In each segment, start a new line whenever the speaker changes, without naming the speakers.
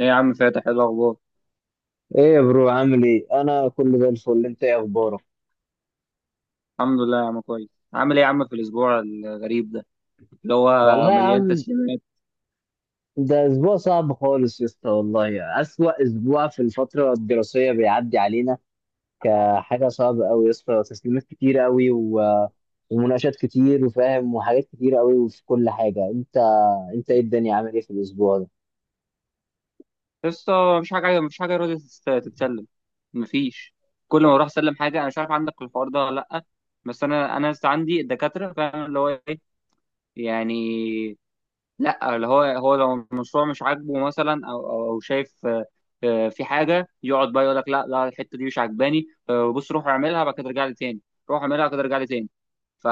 ايه يا عم فاتح؟ ايه الاخبار؟
يا برو عامل ايه؟ انا كله زي الفل، انت ايه اخبارك؟
الحمد لله يا عم، كويس. عامل ايه يا عم في الاسبوع الغريب ده اللي هو
والله يا
مليان
عم
تسليمات؟
ده اسبوع صعب خالص يا اسطى، والله اسوأ اسبوع في الفتره الدراسيه بيعدي علينا، كحاجه صعبه قوي يا اسطى. تسليمات كتير قوي و... ومناقشات كتير وفاهم، وحاجات كتير قوي في كل حاجه. انت ايه الدنيا؟ عامل ايه في الاسبوع ده؟
لسه مفيش حاجه راضيه تتسلم. مفيش. كل ما اروح اسلم حاجه، انا مش عارف عندك الحوار ده ولا لا، بس انا لسه عندي الدكاتره، فاهم اللي هو ايه؟ يعني لا، اللي هو لو المشروع مش عاجبه مثلا او او أو شايف، في حاجه، يقعد بقى يقول لك لا لا، الحته دي مش عاجباني، بص، روح اعملها بعد كده ارجع لي تاني. روح اعملها بعد كده ارجع لي تاني ف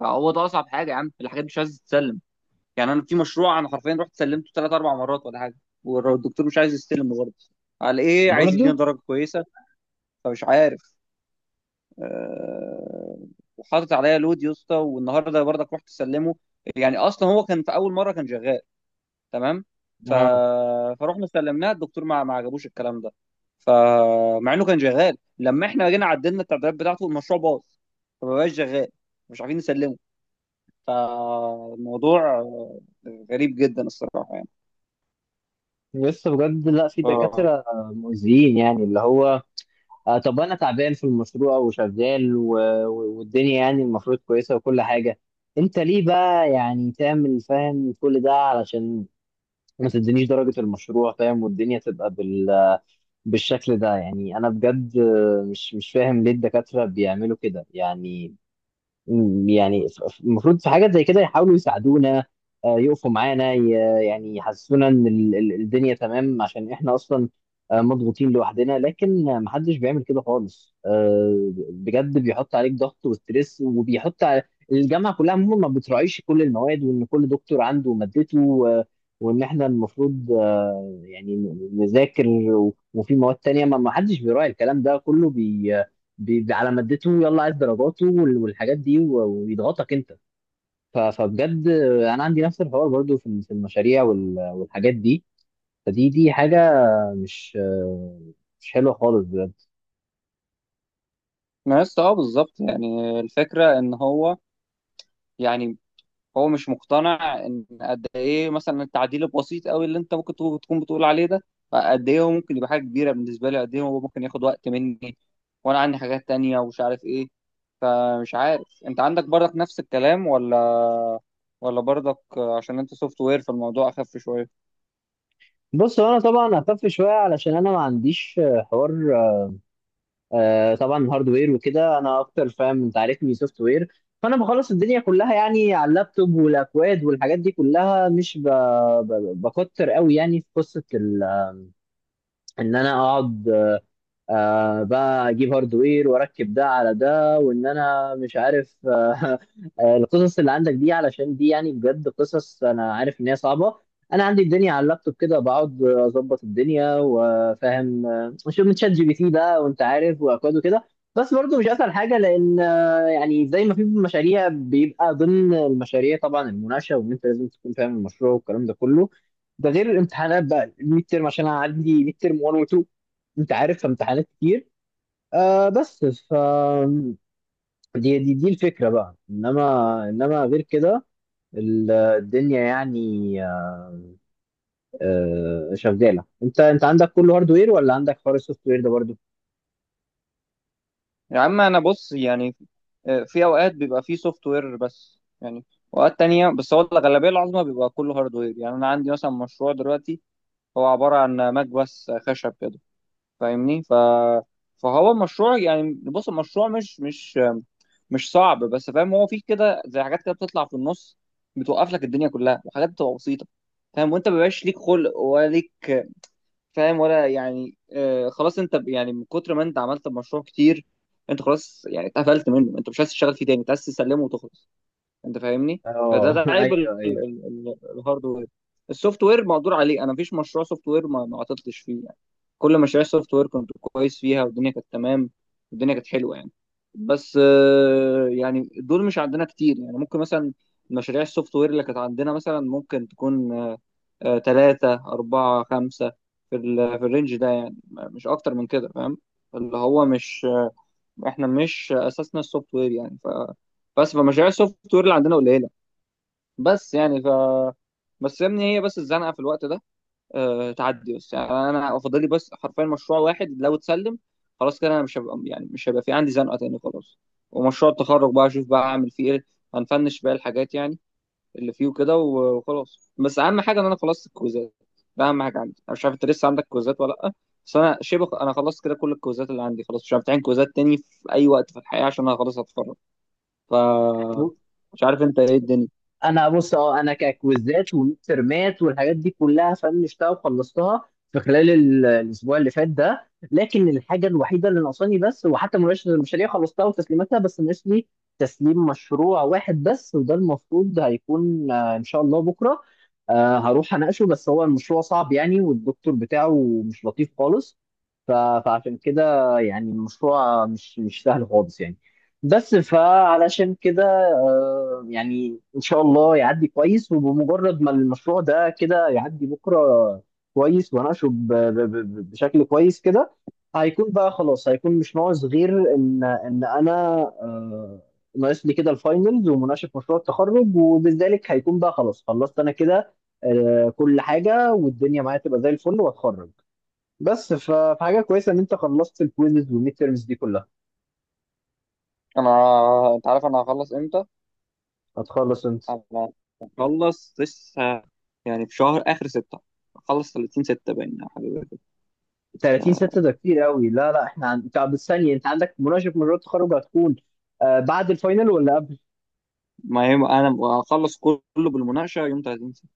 فهو ده اصعب حاجه يا عم، الحاجات دي مش عايز تتسلم. يعني انا في مشروع، انا حرفيا رحت سلمته ثلاث اربع مرات ولا حاجه، والدكتور مش عايز يستلم برضه. على ايه؟ عايز يدينا
برضو.
درجه كويسه؟ فمش عارف. أه... وحاطط عليا لود يا اسطى، والنهارده برضك رحت سلمه. يعني اصلا هو كان في اول مره كان شغال، تمام؟ ف...
اه
فروحنا سلمناه، الدكتور ما عجبوش الكلام ده. فمع انه كان شغال، لما احنا جينا عدلنا التعديلات بتاعته المشروع باظ، فما بقاش شغال، مش عارفين نسلمه. فالموضوع غريب جدا الصراحة يعني.
لسه بجد، لا في
اه،
دكاتره مؤذيين يعني، اللي هو آه طب انا تعبان في المشروع وشغال والدنيا يعني المفروض كويسه وكل حاجه، انت ليه بقى يعني تعمل فاهم كل ده علشان ما تدينيش درجه المشروع، فاهم؟ والدنيا تبقى بالشكل ده. يعني انا بجد مش فاهم ليه الدكاتره بيعملوا كده يعني. المفروض في حاجات زي كده يحاولوا يساعدونا، يقفوا معانا يعني يحسسونا ان الدنيا تمام، عشان احنا اصلا مضغوطين لوحدنا، لكن محدش بيعمل كده خالص بجد، بيحط عليك ضغط وستريس، وبيحط على الجامعه كلها عموما. ما بتراعيش كل المواد، وان كل دكتور عنده مادته وان احنا المفروض يعني نذاكر، وفي مواد تانية ما حدش بيراعي الكلام ده كله على مادته، يلا عايز درجاته والحاجات دي، ويضغطك انت. فبجد انا عندي نفس الحوار برضو في المشاريع والحاجات دي. فدي حاجه مش حلوه خالص بجد.
ما لسه. اه، بالظبط. يعني الفكرة ان هو، يعني هو مش مقتنع ان قد ايه مثلا التعديل البسيط قوي اللي انت ممكن تكون بتقول عليه ده، قد ايه هو ممكن يبقى حاجة كبيرة بالنسبة لي، قد ايه هو ممكن ياخد وقت مني وانا عندي حاجات تانية ومش عارف ايه. فمش عارف انت عندك برضك نفس الكلام ولا، ولا برضك عشان انت سوفت وير فالموضوع اخف شوية؟
بص هو انا طبعا هخف شويه علشان انا ما عنديش حوار، طبعا هاردوير وكده انا اكتر، فاهم؟ انت عارفني سوفت وير، فانا بخلص الدنيا كلها يعني على اللابتوب والاكواد والحاجات دي كلها، مش بكتر قوي يعني في قصه ان انا اقعد آه بقى اجيب هاردوير واركب ده على ده، وان انا مش عارف آه القصص اللي عندك دي، علشان دي يعني بجد قصص انا عارف ان هي صعبه. انا عندي الدنيا على اللابتوب كده، بقعد اظبط الدنيا وفاهم، شوف من شات جي بي تي بقى، وانت عارف، واكواد وكده. بس برضه مش اسهل حاجه، لان يعني زي ما في مشاريع بيبقى ضمن المشاريع طبعا المناقشه، وان انت لازم تكون فاهم المشروع والكلام ده كله. ده غير الامتحانات بقى، الميد ترم، عشان انا عندي ميد ترم 1 و 2، انت عارف، امتحانات كتير. آه بس ف دي الفكره بقى، انما انما غير كده الدنيا يعني آه شغاله. انت عندك كله هاردوير، ولا عندك حوار السوفت وير ده برضو؟
يا عم انا بص، يعني في اوقات بيبقى فيه سوفت وير، بس يعني اوقات تانية، بس هو الغالبيه العظمى بيبقى كله هاردوير. يعني انا عندي مثلا مشروع دلوقتي هو عباره عن ماك بس خشب كده، فاهمني؟ فهو المشروع، يعني بص، المشروع مش صعب، بس فاهم هو فيه كده زي حاجات كده بتطلع في النص بتوقف لك الدنيا كلها، وحاجات بتبقى بسيطه. فاهم؟ وانت مبيبقاش ليك خلق ولا ليك فاهم ولا يعني، آه خلاص، انت يعني من كتر ما انت عملت مشروع كتير انت خلاص يعني اتقفلت منه، انت مش عايز تشتغل فيه تاني، انت عايز تسلمه وتخلص. انت فاهمني؟
اه
فده عيب
ايوه ايوه
الهاردوير. السوفت وير مقدور عليه، انا مفيش مشروع سوفت وير ما عطلتش فيه يعني. كل مشاريع السوفت وير كنت كويس فيها والدنيا كانت تمام، والدنيا كانت حلوه يعني. بس يعني دول مش عندنا كتير يعني، ممكن مثلا مشاريع السوفت وير اللي كانت عندنا مثلا ممكن تكون، تلاتة أربعة خمسة، في الرينج ده يعني، مش أكتر من كده، فاهم؟ اللي هو مش، إحنا مش أساسنا السوفت وير يعني. بس فمشاريع السوفت وير اللي عندنا قليلة. بس يعني ف بس يا ابني، هي بس الزنقة في الوقت ده تعدي، بس يعني أنا أفضل لي بس حرفيا مشروع واحد لو اتسلم خلاص كده أنا مش هبقى، يعني مش هيبقى في عندي زنقة تاني خلاص. ومشروع التخرج بقى أشوف بقى أعمل فيه إيه، هنفنش بقى الحاجات يعني اللي فيه وكده وخلاص. بس اهم حاجه ان انا خلصت الكويزات، ده اهم حاجه عندي. انا مش عارف انت لسه عندك كويزات ولا لا، بس انا شبه انا خلصت كده كل الكويزات اللي عندي خلاص، مش عارف امتحن كويزات تاني في اي وقت في الحياه عشان انا خلاص هتخرج. ف مش عارف انت ايه الدنيا.
انا بص اه انا ككويزات وميدترمات والحاجات دي كلها فنشتها وخلصتها في خلال ال- الاسبوع اللي فات ده، لكن الحاجه الوحيده اللي ناقصاني، بس وحتى مناقشه المشاريع خلصتها وتسليماتها، بس ناقص لي تسليم مشروع واحد بس، وده المفروض هيكون ان شاء الله بكره. هروح اناقشه، بس هو المشروع صعب يعني والدكتور بتاعه مش لطيف خالص، ف- فعشان كده يعني المشروع مش سهل خالص يعني. بس فعلشان كده يعني ان شاء الله يعدي كويس، وبمجرد ما المشروع ده كده يعدي بكره كويس واناقشه بشكل كويس كده، هيكون بقى خلاص، هيكون مش ناقص غير ان انا آه، ناقص لي كده الفاينلز ومناقشه مشروع التخرج، وبذلك هيكون بقى خلاص خلصت انا كده كل حاجه، والدنيا معايا تبقى زي الفل واتخرج. بس فحاجه كويسه ان انت خلصت الكويزز والميد تيرمز دي كلها.
انا، انت عارف انا هخلص امتى؟
هتخلص انت
انا هخلص لسه يعني في شهر اخر ستة، هخلص 30 6 باين يا حبيبي.
30/6؟ ده كتير قوي، لا لا احنا عن... طب الثانيه، انت عندك مناقشه مشروع التخرج هتكون بعد الفاينل ولا قبل؟
ما يوم انا هخلص كله بالمناقشه يوم 30 6.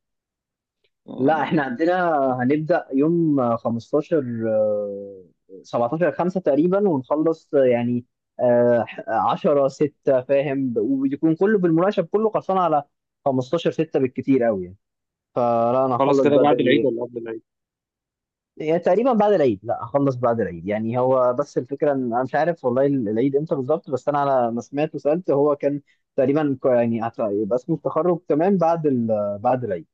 لا احنا
أه،
عندنا هنبدا يوم 15، 17/5 تقريبا، ونخلص يعني 10/6، فاهم؟ ويكون كله بالمناقشه، كله خلصان على 15/6 بالكتير قوي يعني. فلا انا
خلص
هخلص
كده بعد العيد
بدري،
ولا قبل العيد؟
يعني تقريبا بعد العيد. لا اخلص بعد العيد، يعني هو بس الفكره ان انا مش عارف والله العيد امتى بالظبط، بس انا على ما سمعت وسالت هو كان تقريبا يعني يبقى اسمه التخرج تمام بعد بعد العيد.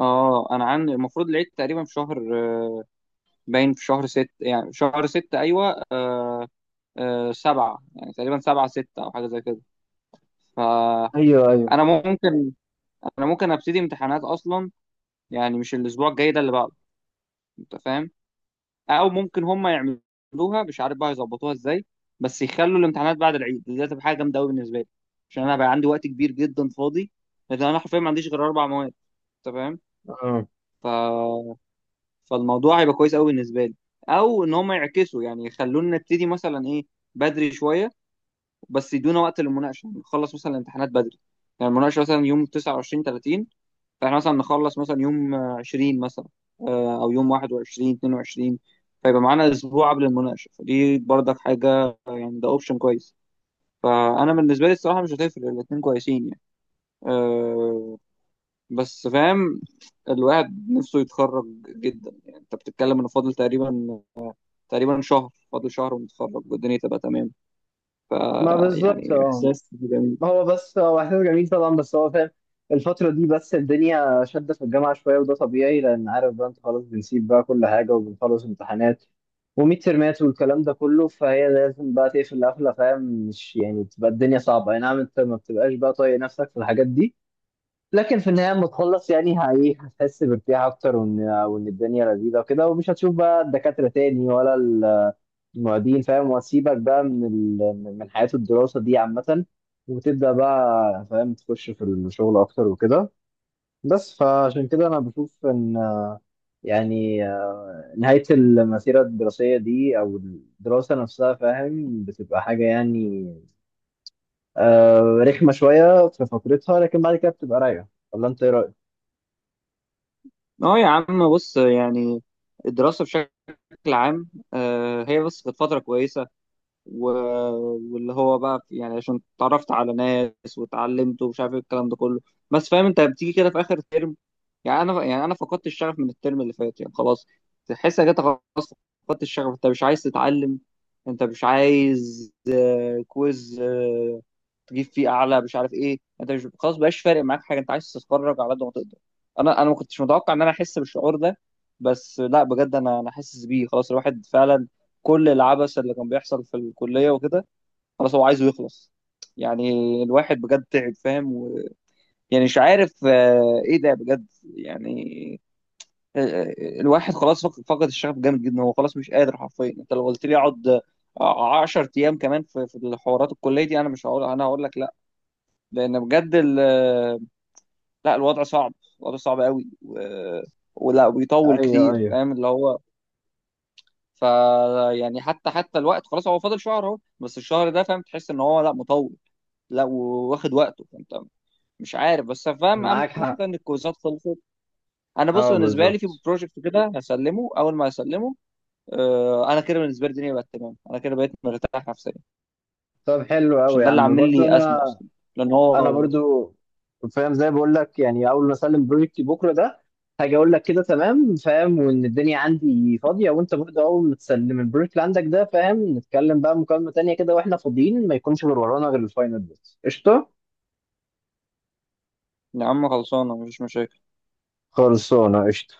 اه انا عندي المفروض العيد تقريبا في شهر، آه، باين في شهر ست، يعني في شهر ستة، ايوه، آه، آه سبعة، يعني تقريبا سبعة ستة او حاجة زي كده.
ايوه ايوه
فانا ممكن، انا ممكن ابتدي امتحانات اصلا، يعني مش الاسبوع الجاي، ده اللي بعده. انت فاهم؟ او ممكن هم يعملوها، مش عارف بقى يظبطوها ازاي، بس يخلوا الامتحانات بعد العيد. دي هتبقى حاجة جامدة قوي بالنسبة لي، عشان انا بقى عندي وقت كبير جدا فاضي، لان انا حرفيا ما عنديش غير 4 مواد. انت
آه.
فاهم؟ فالموضوع هيبقى كويس قوي بالنسبه لي. او ان هم يعكسوا، يعني يخلونا نبتدي مثلا ايه، بدري شويه، بس يدونا وقت للمناقشه. يعني نخلص مثلا الامتحانات بدري، يعني المناقشه مثلا يوم 29 30، فاحنا مثلا نخلص مثلا يوم 20 مثلا، او يوم 21 22. فيبقى معانا اسبوع قبل المناقشه، فدي برضك حاجه يعني، ده اوبشن كويس. فانا بالنسبه لي الصراحه مش هتفرق، الاتنين كويسين يعني. أه، بس فاهم الواحد نفسه يتخرج جدا. يعني انت بتتكلم انه فاضل تقريبا، تقريبا شهر، فاضل شهر ونتخرج والدنيا تبقى تمام.
ما بالظبط
يعني
اه
احساس جميل.
ما هو بس هو احساس جميل طبعا بس هو فاهم الفترة دي بس الدنيا شدة في الجامعة شوية وده طبيعي لأن عارف بقى أنت خلاص بنسيب بقى كل حاجة وبنخلص امتحانات وميد ترمات والكلام ده كله فهي لازم بقى تقفل قفلة فاهم مش يعني بتبقى الدنيا صعبة أي نعم أنت ما بتبقاش بقى طايق نفسك في الحاجات دي لكن في النهاية لما تخلص يعني هي- هتحس بارتياح أكتر، وإن الدنيا لذيذة وكده، ومش هتشوف بقى الدكاترة تاني ولا معيدين، فاهم؟ واسيبك بقى من من حياة الدراسة دي عامة، وتبدأ بقى فاهم تخش في الشغل أكتر وكده. بس فعشان كده أنا بشوف إن يعني نهاية المسيرة الدراسية دي أو الدراسة نفسها، فاهم، بتبقى حاجة يعني رخمة شوية في فترتها، لكن بعد كده بتبقى رايقة. ولا أنت إيه رأيك؟
اه يا عم بص، يعني الدراسة بشكل عام، هي بس كانت فترة كويسة و- واللي هو بقى يعني عشان اتعرفت على ناس واتعلمت ومش عارف ايه الكلام ده كله. بس فاهم انت بتيجي كده في اخر ترم، يعني انا، يعني انا فقدت الشغف من الترم اللي فات، يعني خلاص، تحس انك انت خلاص فقدت الشغف، انت مش عايز تتعلم، انت مش عايز كويز تجيب فيه اعلى، مش عارف ايه. انت مش، خلاص بقاش فارق معاك حاجه، انت عايز تتفرج على قد ما تقدر. انا ما كنتش متوقع ان انا احس بالشعور ده، بس لا بجد، انا حاسس بيه خلاص، الواحد فعلا كل العبث اللي كان بيحصل في الكليه وكده خلاص هو عايزه يخلص. يعني الواحد بجد تعب، فاهم، يعني مش عارف ايه ده بجد. يعني، آه، الواحد خلاص فقد الشغف جامد جدا، هو خلاص مش قادر حرفيا. انت لو قلت لي اقعد 10 ايام كمان في الحوارات الكليه دي، انا مش هقول، انا هقول لك. لان بجد لا، الوضع صعب، الوضع صعب قوي ولا بيطول
أيوه
كتير،
أيوه
فاهم اللي هو. ف يعني حتى الوقت خلاص هو فاضل شهر اهو، بس الشهر ده فاهم تحس ان هو لا، مطول، لا، واخد وقته. فانت مش عارف، بس فاهم اهم
معاك حق.
حاجه ان الكويزات خلصت. انا بص
أه
بالنسبه لي في
بالظبط.
بروجكت كده هسلمه، اول ما هسلمه، انا كده بالنسبه لي الدنيا بقت تمام، انا كده بقيت مرتاح نفسيا،
طب حلو
عشان
أوي يا
ده اللي
عم.
عامل
وبرضه
لي ازمه
أنا،
اصلا، لان
انا
هو،
برضو فاهم زي ما بقول لك، يعني اول ما اسلم بروجكتي بكره ده هاجي اقول لك كده تمام، فاهم، وان الدنيا عندي فاضيه، وانت برضو اول ما تسلم البروجكت اللي عندك ده، فاهم، نتكلم بقى مكالمه تانيه كده واحنا فاضيين، ما يكونش غير ورانا غير الفاينل بس، قشطه؟
يا عم خلصانه مفيش مشاكل.
خلصانه قشطه.